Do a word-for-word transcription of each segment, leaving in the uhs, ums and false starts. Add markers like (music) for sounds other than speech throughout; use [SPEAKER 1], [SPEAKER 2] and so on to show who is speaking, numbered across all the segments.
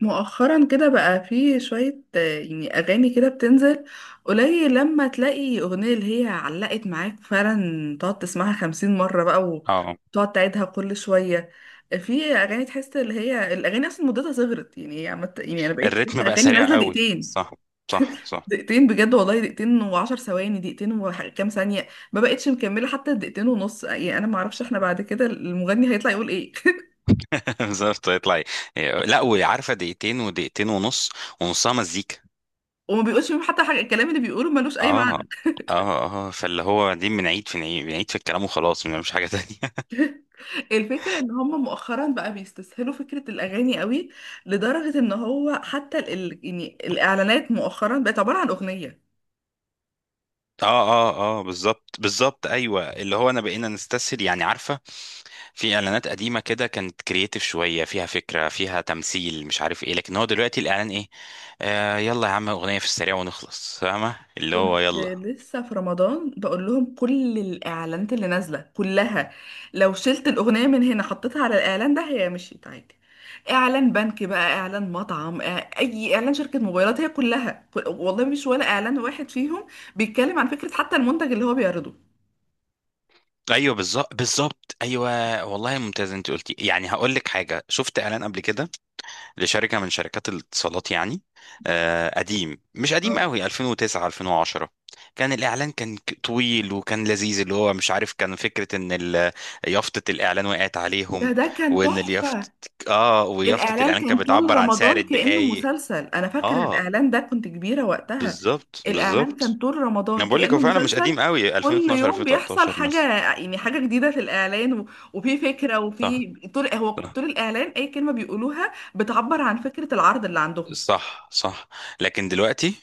[SPEAKER 1] مؤخرا كده بقى في شوية آه، يعني أغاني كده بتنزل قليل. لما تلاقي أغنية اللي هي علقت معاك فعلا تقعد تسمعها خمسين مرة بقى
[SPEAKER 2] اه،
[SPEAKER 1] وتقعد تعيدها كل شوية. في أغاني تحس اللي هي الأغاني أصلا مدتها صغرت، يعني هي عمت، يعني أنا بقيت
[SPEAKER 2] الريتم
[SPEAKER 1] شايفة
[SPEAKER 2] بقى
[SPEAKER 1] أغاني
[SPEAKER 2] سريع
[SPEAKER 1] نازلة
[SPEAKER 2] قوي،
[SPEAKER 1] دقيقتين.
[SPEAKER 2] صح صح صح
[SPEAKER 1] دقيقتين بجد والله، دقيقتين وعشر ثواني، دقيقتين وكام ثانية. ما بقتش مكملة حتى دقيقتين ونص، يعني أنا معرفش
[SPEAKER 2] صح.
[SPEAKER 1] احنا بعد كده المغني هيطلع يقول ايه (laughs)
[SPEAKER 2] (laughs) بالظبط يطلع ي- لا. وعارفه دقيقتين، ودقيقتين ونص، ونصها مزيكا.
[SPEAKER 1] وما بيقولش فيهم حتى حاجة، الكلام اللي بيقوله ملوش أي.
[SPEAKER 2] اه اه اه، فاللي هو دي بنعيد في نعيد بنعيد في الكلام وخلاص، مش حاجه تانية. (laughs)
[SPEAKER 1] الفكرة ان هم مؤخرا بقى بيستسهلوا فكرة الاغاني قوي، لدرجة ان هو حتى ال... ال- يعني الاعلانات مؤخرا بقت عبارة عن اغنية.
[SPEAKER 2] اه اه اه بالظبط بالظبط، ايوه اللي هو انا بقينا نستسهل، يعني عارفه. في اعلانات قديمه كده كانت كرييتيف شويه، فيها فكره فيها تمثيل، مش عارف ايه، لكن هو دلوقتي الاعلان ايه؟ آه يلا يا عم، اغنيه في السريع ونخلص، فاهمه اللي هو
[SPEAKER 1] كنت
[SPEAKER 2] يلا.
[SPEAKER 1] لسه في رمضان بقول لهم كل الاعلانات اللي نازلة كلها، لو شلت الاغنية من هنا حطيتها على الاعلان ده هي مشيت عادي. اعلان بنك بقى، اعلان مطعم آه، اي اعلان شركة موبايلات، هي كلها كل... والله مش ولا اعلان واحد فيهم بيتكلم عن فكرة حتى المنتج اللي هو بيعرضه.
[SPEAKER 2] ايوه بالظبط بالظبط ايوه. والله ممتاز انت قلتي، يعني هقول لك حاجه. شفت اعلان قبل كده لشركه من شركات الاتصالات، يعني آه قديم، مش قديم
[SPEAKER 1] اه،
[SPEAKER 2] قوي، ألفين وتسعة ألفين وعشرة. كان الاعلان كان ك- طويل وكان لذيذ، اللي هو مش عارف، كان فكره ان ال- يافطه الاعلان وقعت
[SPEAKER 1] ده
[SPEAKER 2] عليهم،
[SPEAKER 1] ده كان
[SPEAKER 2] وان اليافطه،
[SPEAKER 1] تحفة.
[SPEAKER 2] اه ويافطه
[SPEAKER 1] الإعلان
[SPEAKER 2] الاعلان
[SPEAKER 1] كان
[SPEAKER 2] كانت
[SPEAKER 1] طول
[SPEAKER 2] بتعبر عن سعر
[SPEAKER 1] رمضان كأنه
[SPEAKER 2] الدقايق.
[SPEAKER 1] مسلسل، أنا فاكرة
[SPEAKER 2] اه
[SPEAKER 1] الإعلان ده كنت كبيرة وقتها.
[SPEAKER 2] بالظبط
[SPEAKER 1] الإعلان كان
[SPEAKER 2] بالظبط،
[SPEAKER 1] طول
[SPEAKER 2] انا
[SPEAKER 1] رمضان
[SPEAKER 2] بقول لك هو
[SPEAKER 1] كأنه
[SPEAKER 2] فعلا مش
[SPEAKER 1] مسلسل،
[SPEAKER 2] قديم قوي،
[SPEAKER 1] كل
[SPEAKER 2] ألفين واتناشر
[SPEAKER 1] يوم بيحصل
[SPEAKER 2] ألفين وتلتاشر مثلا.
[SPEAKER 1] حاجة، يعني حاجة جديدة في الإعلان و- وفي فكرة وفي طول، هو
[SPEAKER 2] صح
[SPEAKER 1] طول الإعلان أي كلمة بيقولوها بتعبر عن فكرة العرض اللي عندهم.
[SPEAKER 2] صح صح. لكن دلوقتي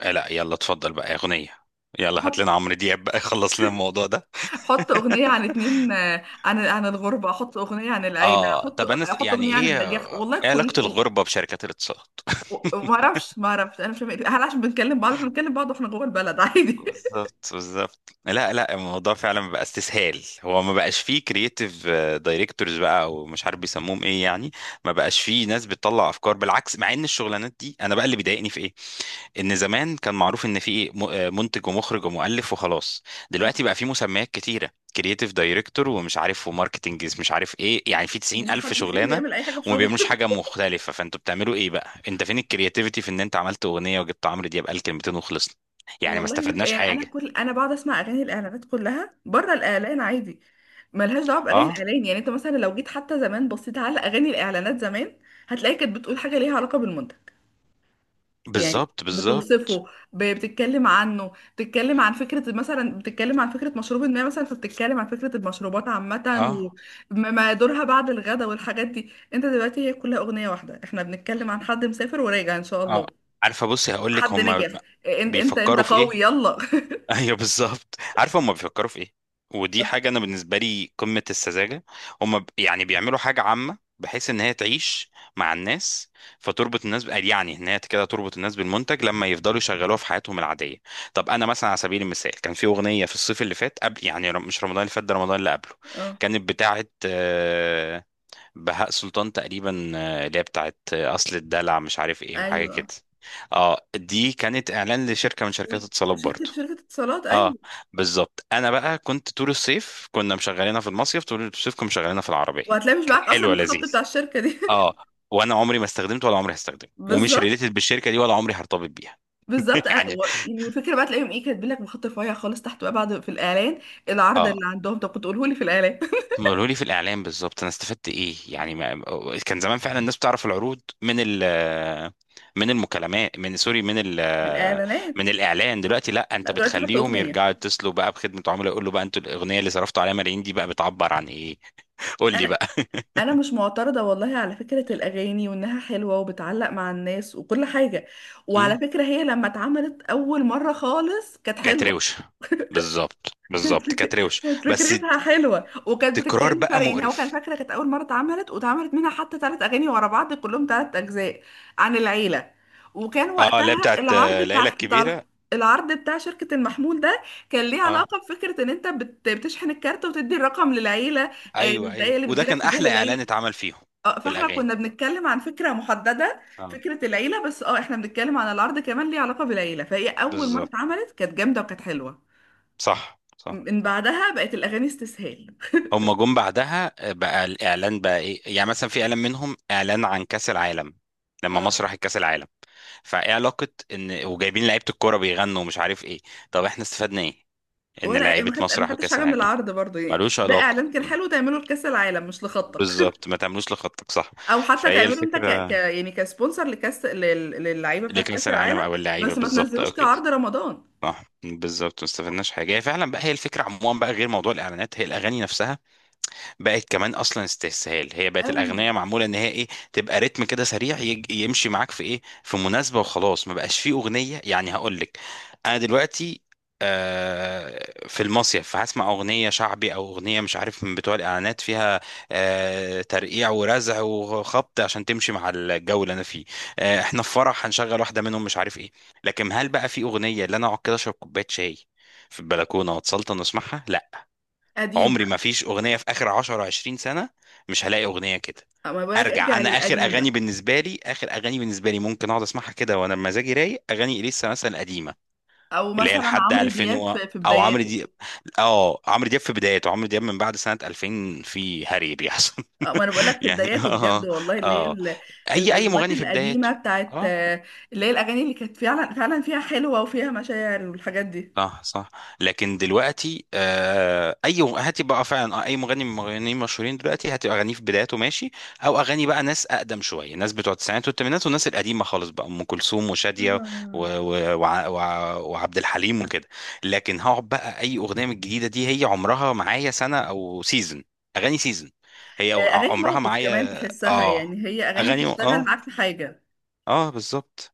[SPEAKER 2] آه لا، يلا اتفضل بقى اغنيه. يلا
[SPEAKER 1] حط
[SPEAKER 2] هات لنا عمرو دياب بقى (laughs) يخلص لنا الموضوع ده.
[SPEAKER 1] حط أغنية عن
[SPEAKER 2] (laughs)
[SPEAKER 1] اتنين آه، عن عن الغربة، حط أغنية عن العيلة،
[SPEAKER 2] اه
[SPEAKER 1] حط
[SPEAKER 2] طب انا س-
[SPEAKER 1] حط
[SPEAKER 2] يعني
[SPEAKER 1] أغنية عن
[SPEAKER 2] ايه
[SPEAKER 1] النجاح،
[SPEAKER 2] آه،
[SPEAKER 1] والله
[SPEAKER 2] ايه
[SPEAKER 1] كل
[SPEAKER 2] علاقه
[SPEAKER 1] و-
[SPEAKER 2] الغربه بشركات الاتصالات؟
[SPEAKER 1] و-
[SPEAKER 2] (laughs)
[SPEAKER 1] ما اعرفش، ما اعرفش انا مش فاهمه إيه. هل عشان بنتكلم بعض؟ احنا بنتكلم بعض واحنا جوه البلد عادي.
[SPEAKER 2] بالظبط بالظبط، لا لا، الموضوع فعلا بقى استسهال، هو ما بقاش فيه كرييتيف دايركتورز بقى، او مش عارف بيسموهم ايه يعني. ما بقاش فيه ناس بتطلع افكار، بالعكس، مع ان الشغلانات دي انا بقى اللي بيضايقني في ايه، ان زمان كان معروف ان في ايه م- آه، منتج ومخرج ومؤلف وخلاص. دلوقتي
[SPEAKER 1] (laughs)
[SPEAKER 2] بقى في مسميات كتيره، كرييتيف دايركتور ومش عارف، وماركتنج مش عارف ايه، يعني في تسعين الف
[SPEAKER 1] ومحدش فيهم
[SPEAKER 2] شغلانه،
[SPEAKER 1] بيعمل اي حاجه في
[SPEAKER 2] وما
[SPEAKER 1] شغله.
[SPEAKER 2] بيعملوش حاجه مختلفه. فانتوا بتعملوا ايه بقى؟ انت فين الكرياتيفيتي في ان انت عملت اغنيه، وجبت عمرو دياب قال كلمتين وخلصنا؟
[SPEAKER 1] (laughs)
[SPEAKER 2] يعني ما
[SPEAKER 1] والله نفسي-
[SPEAKER 2] استفدناش
[SPEAKER 1] يعني انا
[SPEAKER 2] حاجة.
[SPEAKER 1] كل انا بقعد اسمع اغاني الاعلانات كلها بره الاعلان عادي، ملهاش دعوه باغاني
[SPEAKER 2] اه
[SPEAKER 1] الاعلان. يعني انت مثلا لو جيت حتى زمان بصيت على اغاني الاعلانات زمان هتلاقي كانت بتقول حاجه ليها علاقه بالمنتج، يعني
[SPEAKER 2] بالظبط بالظبط،
[SPEAKER 1] بتوصفه، ب- بتتكلم عنه، بتتكلم عن فكره، مثلا بتتكلم عن فكره مشروب ما مثلا، فبتتكلم عن فكره المشروبات عامه
[SPEAKER 2] اه
[SPEAKER 1] وما دورها بعد الغداء والحاجات دي. انت دلوقتي هي كلها اغنيه واحده، احنا بنتكلم عن حد مسافر وراجع ان شاء
[SPEAKER 2] اه،
[SPEAKER 1] الله،
[SPEAKER 2] عارفة بصي هقول لك،
[SPEAKER 1] حد
[SPEAKER 2] هما
[SPEAKER 1] نجح، انت انت انت
[SPEAKER 2] بيفكروا في
[SPEAKER 1] قوي
[SPEAKER 2] ايه.
[SPEAKER 1] يلا.
[SPEAKER 2] (laughs) ايوه بالظبط، عارفة هما بيفكروا في ايه. ودي حاجة
[SPEAKER 1] (laughs)
[SPEAKER 2] انا بالنسبة لي قمة السذاجة. هما ب- يعني بيعملوا حاجة عامة بحيث ان هي تعيش مع الناس، فتربط الناس ب- يعني ان هي كده تربط الناس بالمنتج، لما يفضلوا يشغلوها في حياتهم العادية. طب انا مثلا على سبيل المثال كان في اغنية في الصيف اللي فات، قبل يعني رم- مش رمضان اللي فات ده، رمضان اللي قبله.
[SPEAKER 1] اه،
[SPEAKER 2] كانت بتاعة آه، بهاء سلطان تقريبا، آه، اللي هي بتاعت آه، اصل الدلع مش عارف ايه، وحاجه كده.
[SPEAKER 1] ايوه،
[SPEAKER 2] اه، دي كانت اعلان لشركه من شركات
[SPEAKER 1] و-
[SPEAKER 2] اتصالات
[SPEAKER 1] شركة
[SPEAKER 2] برضو.
[SPEAKER 1] شركة اتصالات،
[SPEAKER 2] اه
[SPEAKER 1] ايوه.
[SPEAKER 2] بالظبط، انا بقى كنت طول الصيف كنا مشغلينها في المصيف، طول الصيف كنا مشغلينها في العربيه،
[SPEAKER 1] وهتلاقي مش
[SPEAKER 2] كان
[SPEAKER 1] معاك
[SPEAKER 2] حلو
[SPEAKER 1] اصلا الخط
[SPEAKER 2] لذيذ.
[SPEAKER 1] بتاع الشركة دي.
[SPEAKER 2] اه، وانا عمري ما استخدمته ولا عمري هستخدمه،
[SPEAKER 1] (laughs)
[SPEAKER 2] ومش
[SPEAKER 1] بالظبط،
[SPEAKER 2] ريليتد بالشركه دي، ولا عمري هرتبط بيها.
[SPEAKER 1] بالظبط.
[SPEAKER 2] (laughs)
[SPEAKER 1] انا
[SPEAKER 2] يعني
[SPEAKER 1] و- يعني والفكره بقى تلاقيهم ايه كاتبين لك بخط رفيع خالص تحت بقى بعد في الاعلان العرض
[SPEAKER 2] اه،
[SPEAKER 1] اللي عندهم، طب كنت قوله لي في الاعلان.
[SPEAKER 2] هم قالوا لي في الاعلام بالظبط انا استفدت ايه، يعني ما كان زمان فعلا الناس بتعرف العروض من ال، من المكالمات، من سوري، من
[SPEAKER 1] (laughs)
[SPEAKER 2] ال،
[SPEAKER 1] الاعلانات.
[SPEAKER 2] من الاعلان. دلوقتي لا،
[SPEAKER 1] لا
[SPEAKER 2] انت
[SPEAKER 1] دلوقتي حطوا
[SPEAKER 2] بتخليهم
[SPEAKER 1] اغنيه.
[SPEAKER 2] يرجعوا يتصلوا بقى بخدمه عملاء، يقول له بقى انتوا الاغنيه اللي صرفتوا عليها ملايين دي بقى بتعبر عن ايه؟ قول لي
[SPEAKER 1] انا
[SPEAKER 2] بقى.
[SPEAKER 1] انا مش معترضه والله على فكره الاغاني وانها حلوه وبتعلق مع الناس وكل حاجه،
[SPEAKER 2] مم.
[SPEAKER 1] وعلى فكره هي لما اتعملت اول مره خالص كانت
[SPEAKER 2] كانت
[SPEAKER 1] حلوه.
[SPEAKER 2] روشه. بالظبط
[SPEAKER 1] كانت
[SPEAKER 2] بالظبط،
[SPEAKER 1] فك...
[SPEAKER 2] كانت روشه،
[SPEAKER 1] كانت
[SPEAKER 2] بس الت-
[SPEAKER 1] فكرتها حلوة وكانت
[SPEAKER 2] تكرار
[SPEAKER 1] بتتكلم
[SPEAKER 2] بقى
[SPEAKER 1] فعلا، يعني هو كان
[SPEAKER 2] مقرف.
[SPEAKER 1] فاكرة كانت أول مرة اتعملت، واتعملت منها حتى ثلاث أغاني ورا بعض، كلهم ثلاث أجزاء عن العيلة. وكان
[SPEAKER 2] اه، اللي هي
[SPEAKER 1] وقتها
[SPEAKER 2] بتاعت
[SPEAKER 1] العرض
[SPEAKER 2] آه، العيله
[SPEAKER 1] بتاع بتاع
[SPEAKER 2] الكبيره.
[SPEAKER 1] العرض بتاع شركة المحمول ده كان ليه
[SPEAKER 2] اه
[SPEAKER 1] علاقة بفكرة إن أنت بت... بتشحن الكارت وتدي الرقم للعيلة. آه،
[SPEAKER 2] ايوه
[SPEAKER 1] الدقايق
[SPEAKER 2] ايوه،
[SPEAKER 1] اللي
[SPEAKER 2] وده
[SPEAKER 1] بتجيلك
[SPEAKER 2] كان
[SPEAKER 1] تديها
[SPEAKER 2] احلى اعلان
[SPEAKER 1] للعيلة.
[SPEAKER 2] اتعمل فيهم
[SPEAKER 1] اه، فاحنا
[SPEAKER 2] بالاغاني.
[SPEAKER 1] كنا بنتكلم عن فكرة محددة،
[SPEAKER 2] اه
[SPEAKER 1] فكرة العيلة. بس اه احنا بنتكلم عن العرض كمان ليه علاقة بالعيلة، فهي أول مرة
[SPEAKER 2] بالظبط،
[SPEAKER 1] اتعملت كانت جامدة وكانت حلوة.
[SPEAKER 2] صح صح.
[SPEAKER 1] من بعدها بقت الاغاني استسهال.
[SPEAKER 2] هما جم بعدها آه، بقى الاعلان بقى ايه، يعني مثلا في اعلان منهم اعلان عن كاس العالم، لما
[SPEAKER 1] اه،
[SPEAKER 2] مصر راحت كاس العالم، فايه علاقه ان وجايبين لعيبه الكوره بيغنوا ومش عارف ايه؟ طب احنا استفدنا ايه ان
[SPEAKER 1] ولا
[SPEAKER 2] لعيبه
[SPEAKER 1] ما خدت، انا
[SPEAKER 2] مصر
[SPEAKER 1] ما
[SPEAKER 2] راحوا
[SPEAKER 1] خدتش
[SPEAKER 2] كاس
[SPEAKER 1] حاجه من
[SPEAKER 2] العالم؟
[SPEAKER 1] العرض برضو، يعني
[SPEAKER 2] ملوش
[SPEAKER 1] ده
[SPEAKER 2] علاقه.
[SPEAKER 1] اعلان كان
[SPEAKER 2] مم.
[SPEAKER 1] حلو تعمله لكاس العالم مش لخطك. (laughs)
[SPEAKER 2] بالظبط، ما تعملوش لخطك صح.
[SPEAKER 1] او حتى
[SPEAKER 2] فهي
[SPEAKER 1] تعمله انت ك...
[SPEAKER 2] الفكره
[SPEAKER 1] ك... يعني كسبونسر لكاس لل... للعيبه بتاعت كاس
[SPEAKER 2] لكاس العالم
[SPEAKER 1] العالم،
[SPEAKER 2] او اللعيبه،
[SPEAKER 1] بس ما
[SPEAKER 2] بالظبط،
[SPEAKER 1] تنزلوش
[SPEAKER 2] او كده.
[SPEAKER 1] كعرض رمضان.
[SPEAKER 2] صح بالظبط، ما استفدناش حاجه. هي فعلا بقى هي الفكره عموما بقى، غير موضوع الاعلانات، هي الاغاني نفسها بقت كمان اصلا استسهال. هي بقت
[SPEAKER 1] قوي.
[SPEAKER 2] الاغنيه معموله ان هي ايه، تبقى رتم كده سريع يج- يمشي معاك في ايه، في مناسبه، وخلاص. ما بقاش فيه اغنيه، يعني هقول لك انا دلوقتي آه، في المصيف فهسمع اغنيه شعبي، او اغنيه مش عارف من بتوع الاعلانات فيها آه، ترقيع ورزع وخبط، عشان تمشي مع الجو اللي انا فيه. آه، احنا في فرح هنشغل واحده منهم، مش عارف ايه. لكن هل بقى في اغنيه اللي انا اقعد كده اشرب كوبايه شاي في البلكونه واتسلطن واسمعها؟ لا،
[SPEAKER 1] قديم
[SPEAKER 2] عمري، ما
[SPEAKER 1] بقى.
[SPEAKER 2] فيش اغنيه في اخر عشر عشرين سنه، مش هلاقي اغنيه كده.
[SPEAKER 1] أو ما بقولك
[SPEAKER 2] ارجع،
[SPEAKER 1] ارجع
[SPEAKER 2] انا اخر
[SPEAKER 1] للقديم
[SPEAKER 2] اغاني
[SPEAKER 1] بقى.
[SPEAKER 2] بالنسبه لي، اخر اغاني بالنسبه لي ممكن اقعد اسمعها كده وانا مزاجي رايق، اغاني اليسا مثلا القديمه،
[SPEAKER 1] او
[SPEAKER 2] اللي هي
[SPEAKER 1] مثلا
[SPEAKER 2] لحد
[SPEAKER 1] عمرو
[SPEAKER 2] ألفين
[SPEAKER 1] دياب
[SPEAKER 2] و...
[SPEAKER 1] في في
[SPEAKER 2] او عمرو
[SPEAKER 1] بداياته.
[SPEAKER 2] دياب. اه عمرو دياب في بدايته، عمرو دياب من بعد سنه ألفين في هري بيحصل.
[SPEAKER 1] أو ما انا بقولك
[SPEAKER 2] (laughs)
[SPEAKER 1] في
[SPEAKER 2] يعني
[SPEAKER 1] بداياته بجد
[SPEAKER 2] اه
[SPEAKER 1] والله، اللي هي
[SPEAKER 2] اه،
[SPEAKER 1] ال-
[SPEAKER 2] اي اي
[SPEAKER 1] الالبومات
[SPEAKER 2] مغني في بدايته.
[SPEAKER 1] القديمه بتاعت
[SPEAKER 2] اه
[SPEAKER 1] آه، اللي هي الاغاني اللي كانت فعلا فعلا فيها حلوه وفيها مشاعر والحاجات دي.
[SPEAKER 2] صح صح. لكن دلوقتي آه، اي هاتي بقى فعلا، آه، اي مغني من المغنيين المشهورين دلوقتي، هتبقى اغانيه في بداياته ماشي، او اغاني بقى ناس اقدم شويه، ناس بتوع التسعينات والثمانينات، والناس القديمه خالص بقى، ام كلثوم وشاديه و-
[SPEAKER 1] طبعا.
[SPEAKER 2] و- وع- وع- وعبد الحليم وكده. لكن هقعد بقى اي اغنيه من الجديده دي، هي عمرها معايا سنه او سيزون، اغاني سيزون، هي أو-
[SPEAKER 1] اغاني
[SPEAKER 2] عمرها
[SPEAKER 1] موقف كمان
[SPEAKER 2] معايا،
[SPEAKER 1] تحسها،
[SPEAKER 2] اه
[SPEAKER 1] يعني هي اغاني
[SPEAKER 2] اغاني،
[SPEAKER 1] تشتغل
[SPEAKER 2] اه
[SPEAKER 1] معاك في حاجه،
[SPEAKER 2] اه بالظبط.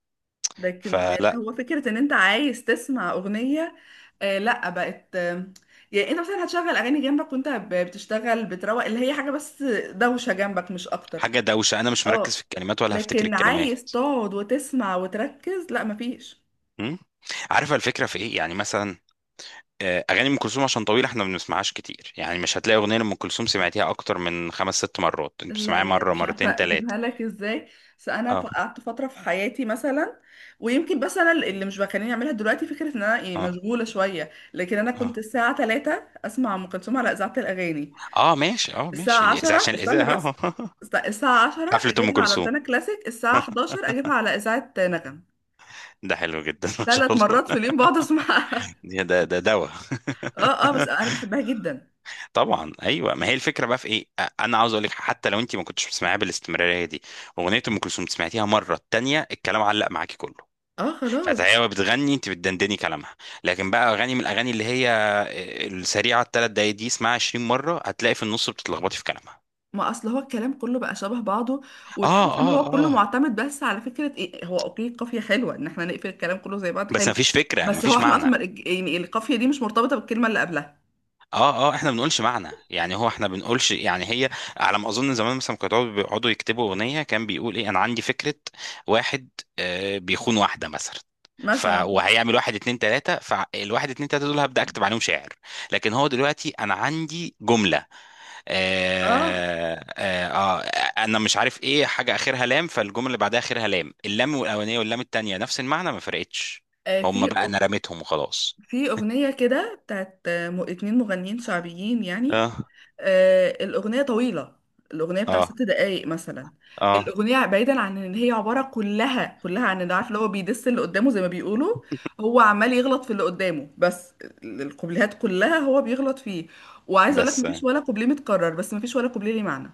[SPEAKER 1] لكن اللي
[SPEAKER 2] فلا،
[SPEAKER 1] هو فكره ان انت عايز تسمع اغنيه آه لا، بقت آه، يعني انت مثلا هتشغل اغاني جنبك وانت ب- بتشتغل بتروق، اللي هي حاجه بس دوشه جنبك مش اكتر.
[SPEAKER 2] حاجه دوشه، انا مش مركز
[SPEAKER 1] اه.
[SPEAKER 2] في الكلمات ولا هفتكر
[SPEAKER 1] لكن عايز
[SPEAKER 2] الكلمات.
[SPEAKER 1] تقعد وتسمع وتركز، لا مفيش.
[SPEAKER 2] مم. عارفه الفكره في ايه؟ يعني مثلا آه، اغاني ام كلثوم عشان طويله احنا ما بنسمعهاش كتير، يعني مش هتلاقي اغنيه لام كلثوم سمعتيها اكتر من خمس ست مرات، انت
[SPEAKER 1] لا
[SPEAKER 2] بتسمعيها
[SPEAKER 1] يعني انا
[SPEAKER 2] مره،
[SPEAKER 1] مش عارفه
[SPEAKER 2] مرتين، ثلاثه.
[SPEAKER 1] اجيبها لك ازاي، بس انا ف-
[SPEAKER 2] اه
[SPEAKER 1] قعدت فتره في حياتي مثلا، ويمكن بس انا اللي مش بخليني اعملها دلوقتي فكره ان انا يعني
[SPEAKER 2] اه
[SPEAKER 1] مشغوله شويه. لكن انا كنت
[SPEAKER 2] اه،
[SPEAKER 1] الساعه ثلاثة اسمع ام كلثوم على اذاعه الاغاني،
[SPEAKER 2] اه ماشي اه
[SPEAKER 1] الساعه
[SPEAKER 2] ماشي، اذا
[SPEAKER 1] عشرة
[SPEAKER 2] عشان
[SPEAKER 1] استنى بس
[SPEAKER 2] الاذاعه. آه.
[SPEAKER 1] است- الساعه
[SPEAKER 2] (laughs)
[SPEAKER 1] عشرة
[SPEAKER 2] حفله ام
[SPEAKER 1] اجيبها على
[SPEAKER 2] كلثوم
[SPEAKER 1] روتانا كلاسيك، الساعه حداشر اجيبها على اذاعه نغم،
[SPEAKER 2] ده حلو جدا. (laughs) ما شاء
[SPEAKER 1] ثلاث
[SPEAKER 2] الله.
[SPEAKER 1] مرات في
[SPEAKER 2] (laughs)
[SPEAKER 1] اليوم بقعد اسمعها. (laughs)
[SPEAKER 2] ده ده ده دواء.
[SPEAKER 1] اه اه، بس
[SPEAKER 2] (laughs)
[SPEAKER 1] انا بحبها جدا.
[SPEAKER 2] طبعا ايوه، ما هي الفكره بقى في ايه، آه، انا عاوز اقول لك، حتى لو انت ما كنتش بتسمعيها بالاستمراريه دي، اغنيه ام كلثوم سمعتيها مره التانيه الكلام علق معاكي كله،
[SPEAKER 1] اه خلاص.
[SPEAKER 2] فهي بتغني انت بتدندني كلامها. لكن بقى اغاني من الاغاني اللي هي آه، السريعه الثلاث دقايق دي، اسمعها عشرين مره هتلاقي في النص بتتلخبطي في كلامها.
[SPEAKER 1] ما اصل هو الكلام كله بقى شبه بعضه،
[SPEAKER 2] اه
[SPEAKER 1] وتحس ان
[SPEAKER 2] اه
[SPEAKER 1] هو كله
[SPEAKER 2] اه،
[SPEAKER 1] معتمد بس على فكره ايه، هو اوكي القافيه حلوه ان احنا نقفل الكلام كله زي بعض
[SPEAKER 2] بس
[SPEAKER 1] حلو،
[SPEAKER 2] مفيش فكره،
[SPEAKER 1] بس هو
[SPEAKER 2] مفيش
[SPEAKER 1] احنا اصلا ما-
[SPEAKER 2] معنى.
[SPEAKER 1] يعني القافيه دي مش مرتبطه بالكلمه اللي قبلها.
[SPEAKER 2] اه اه، احنا بنقولش معنى، يعني هو احنا بنقولش، يعني هي على ما اظن زمان مثلا كانوا يقعدوا بيقعدوا يكتبوا اغنيه، كان بيقول ايه، انا عندي فكره واحد، آه، بيخون واحده مثلا، ف
[SPEAKER 1] مثلا
[SPEAKER 2] وهيعمل واحد اتنين تلاته، فالواحد اتنين تلاته دول هبدا اكتب عليهم شعر. لكن هو دلوقتي انا عندي جمله
[SPEAKER 1] اه
[SPEAKER 2] آه آه آه انا مش عارف ايه حاجه اخرها لام، فالجمله اللي بعدها اخرها لام، اللام الاولانيه واللام التانيه نفس المعنى ما فرقتش،
[SPEAKER 1] آه،
[SPEAKER 2] هم
[SPEAKER 1] في
[SPEAKER 2] بقى انا رميتهم وخلاص.
[SPEAKER 1] في أغنية كده بتاعت م- اتنين مغنيين شعبيين يعني،
[SPEAKER 2] اه
[SPEAKER 1] آه، الأغنية طويلة، الأغنية بتاع
[SPEAKER 2] اه
[SPEAKER 1] ست دقايق مثلا.
[SPEAKER 2] اه
[SPEAKER 1] الأغنية بعيدا عن إن هي عبارة كلها كلها عن إن عارف اللي هو بيدس اللي قدامه زي ما بيقولوا، هو عمال يغلط في اللي قدامه بس. ال- الكوبليهات كلها هو بيغلط فيه، وعايز أقول لك
[SPEAKER 2] بس،
[SPEAKER 1] مفيش ولا كوبليه متكرر بس مفيش ولا كوبليه ليه معنى.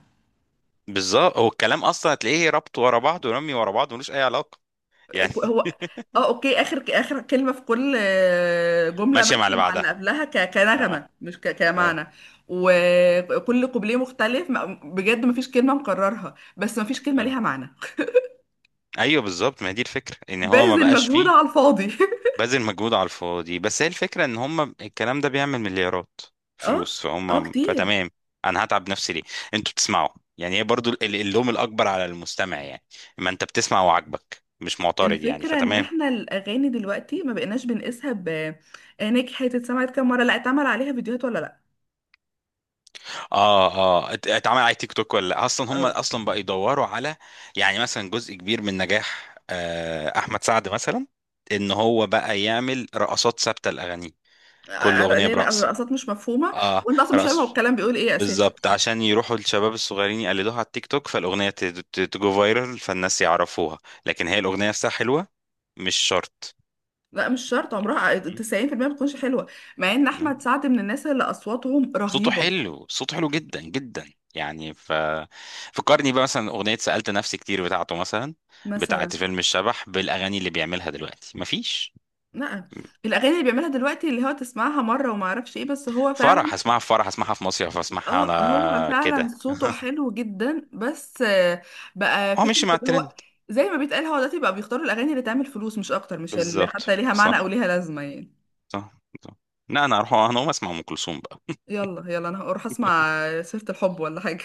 [SPEAKER 2] بالظبط، هو الكلام اصلا هتلاقيه ربط ورا بعض، ورمي ورا بعض ملوش اي علاقه، يعني.
[SPEAKER 1] هو
[SPEAKER 2] (laughs)
[SPEAKER 1] اه اوكي، اخر اخر كلمه في كل آه، جمله
[SPEAKER 2] ماشيه
[SPEAKER 1] ماشيه
[SPEAKER 2] مع اللي
[SPEAKER 1] مع اللي
[SPEAKER 2] بعدها،
[SPEAKER 1] قبلها ك-
[SPEAKER 2] اه
[SPEAKER 1] كنغمه، مش ك-
[SPEAKER 2] اه.
[SPEAKER 1] كمعنى، وكل قبليه مختلف ما- بجد مفيش كلمه مكررها، بس مفيش كلمه
[SPEAKER 2] آه.
[SPEAKER 1] ليها معنى. (laughs)
[SPEAKER 2] ايوه بالظبط، ما هي دي الفكره ان هو ما
[SPEAKER 1] باذل
[SPEAKER 2] بقاش
[SPEAKER 1] مجهود
[SPEAKER 2] فيه
[SPEAKER 1] على الفاضي. (laughs)
[SPEAKER 2] بذل مجهود على الفاضي، بس هي الفكره ان هم الكلام ده بيعمل مليارات
[SPEAKER 1] اه
[SPEAKER 2] فلوس،
[SPEAKER 1] اه
[SPEAKER 2] فهم
[SPEAKER 1] كتير.
[SPEAKER 2] فتمام. انا هتعب نفسي ليه؟ انتوا بتسمعوا، يعني هي برضو ال، اللوم الاكبر على المستمع، يعني ما انت بتسمع وعاجبك مش معترض يعني،
[SPEAKER 1] الفكره ان
[SPEAKER 2] فتمام.
[SPEAKER 1] احنا الاغاني دلوقتي ما بقيناش بنقيسها ب آه، نجحت، اتسمعت كام مره، لا اتعمل عليها فيديوهات ولا لا.
[SPEAKER 2] اه اه، ات- اتعمل على تيك توك ولا لأ؟ اصلا هم
[SPEAKER 1] اه
[SPEAKER 2] اصلا بقى يدوروا على، يعني مثلا جزء كبير من نجاح آه، احمد سعد مثلا، ان هو بقى يعمل رقصات ثابته لاغانيه، كل
[SPEAKER 1] آه،
[SPEAKER 2] اغنيه
[SPEAKER 1] ليه لا،
[SPEAKER 2] برقصه.
[SPEAKER 1] الرقصات مش مفهومه
[SPEAKER 2] اه
[SPEAKER 1] وانت اصلا مش فاهمه هو
[SPEAKER 2] رقص.
[SPEAKER 1] الكلام بيقول ايه اساسا.
[SPEAKER 2] بالظبط عشان يروحوا الشباب الصغيرين يقلدوها على التيك توك، فالاغنيه ت- ت- تجو فايرال، فالناس يعرفوها. لكن هي الاغنيه نفسها حلوه، مش شرط.
[SPEAKER 1] لا مش شرط، عمرها تسعين في المية ما بتكونش حلوة، مع ان احمد سعد من الناس اللي اصواتهم
[SPEAKER 2] صوته
[SPEAKER 1] رهيبة.
[SPEAKER 2] حلو، صوته حلو جدا جدا، يعني ف، فكرني بقى مثلا اغنيه سالت نفسي، كتير بتاعته مثلا
[SPEAKER 1] مثلا
[SPEAKER 2] بتاعت فيلم الشبح، بالاغاني اللي بيعملها دلوقتي مفيش.
[SPEAKER 1] لا، الاغاني اللي بيعملها دلوقتي اللي هو تسمعها مرة وما اعرفش ايه، بس هو فعلا
[SPEAKER 2] فرح هسمعها، في فرح هسمعها، في مصيف هسمعها،
[SPEAKER 1] اه، هو
[SPEAKER 2] انا
[SPEAKER 1] فعلا
[SPEAKER 2] كده.
[SPEAKER 1] صوته حلو جدا. بس آه، بقى
[SPEAKER 2] هو
[SPEAKER 1] فكرة
[SPEAKER 2] ماشي مع
[SPEAKER 1] اللي
[SPEAKER 2] الترند.
[SPEAKER 1] هو زي ما بيتقال، هو دلوقتي بقى بيختاروا الاغاني اللي تعمل فلوس مش اكتر، مش اللي
[SPEAKER 2] بالظبط
[SPEAKER 1] حتى ليها معنى
[SPEAKER 2] صح
[SPEAKER 1] او ليها لازمة يعني.
[SPEAKER 2] صح صح. لا انا هروح، انا هقوم اسمع ام كلثوم بقى.
[SPEAKER 1] يلا يلا انا هروح اسمع سيرة الحب ولا حاجة.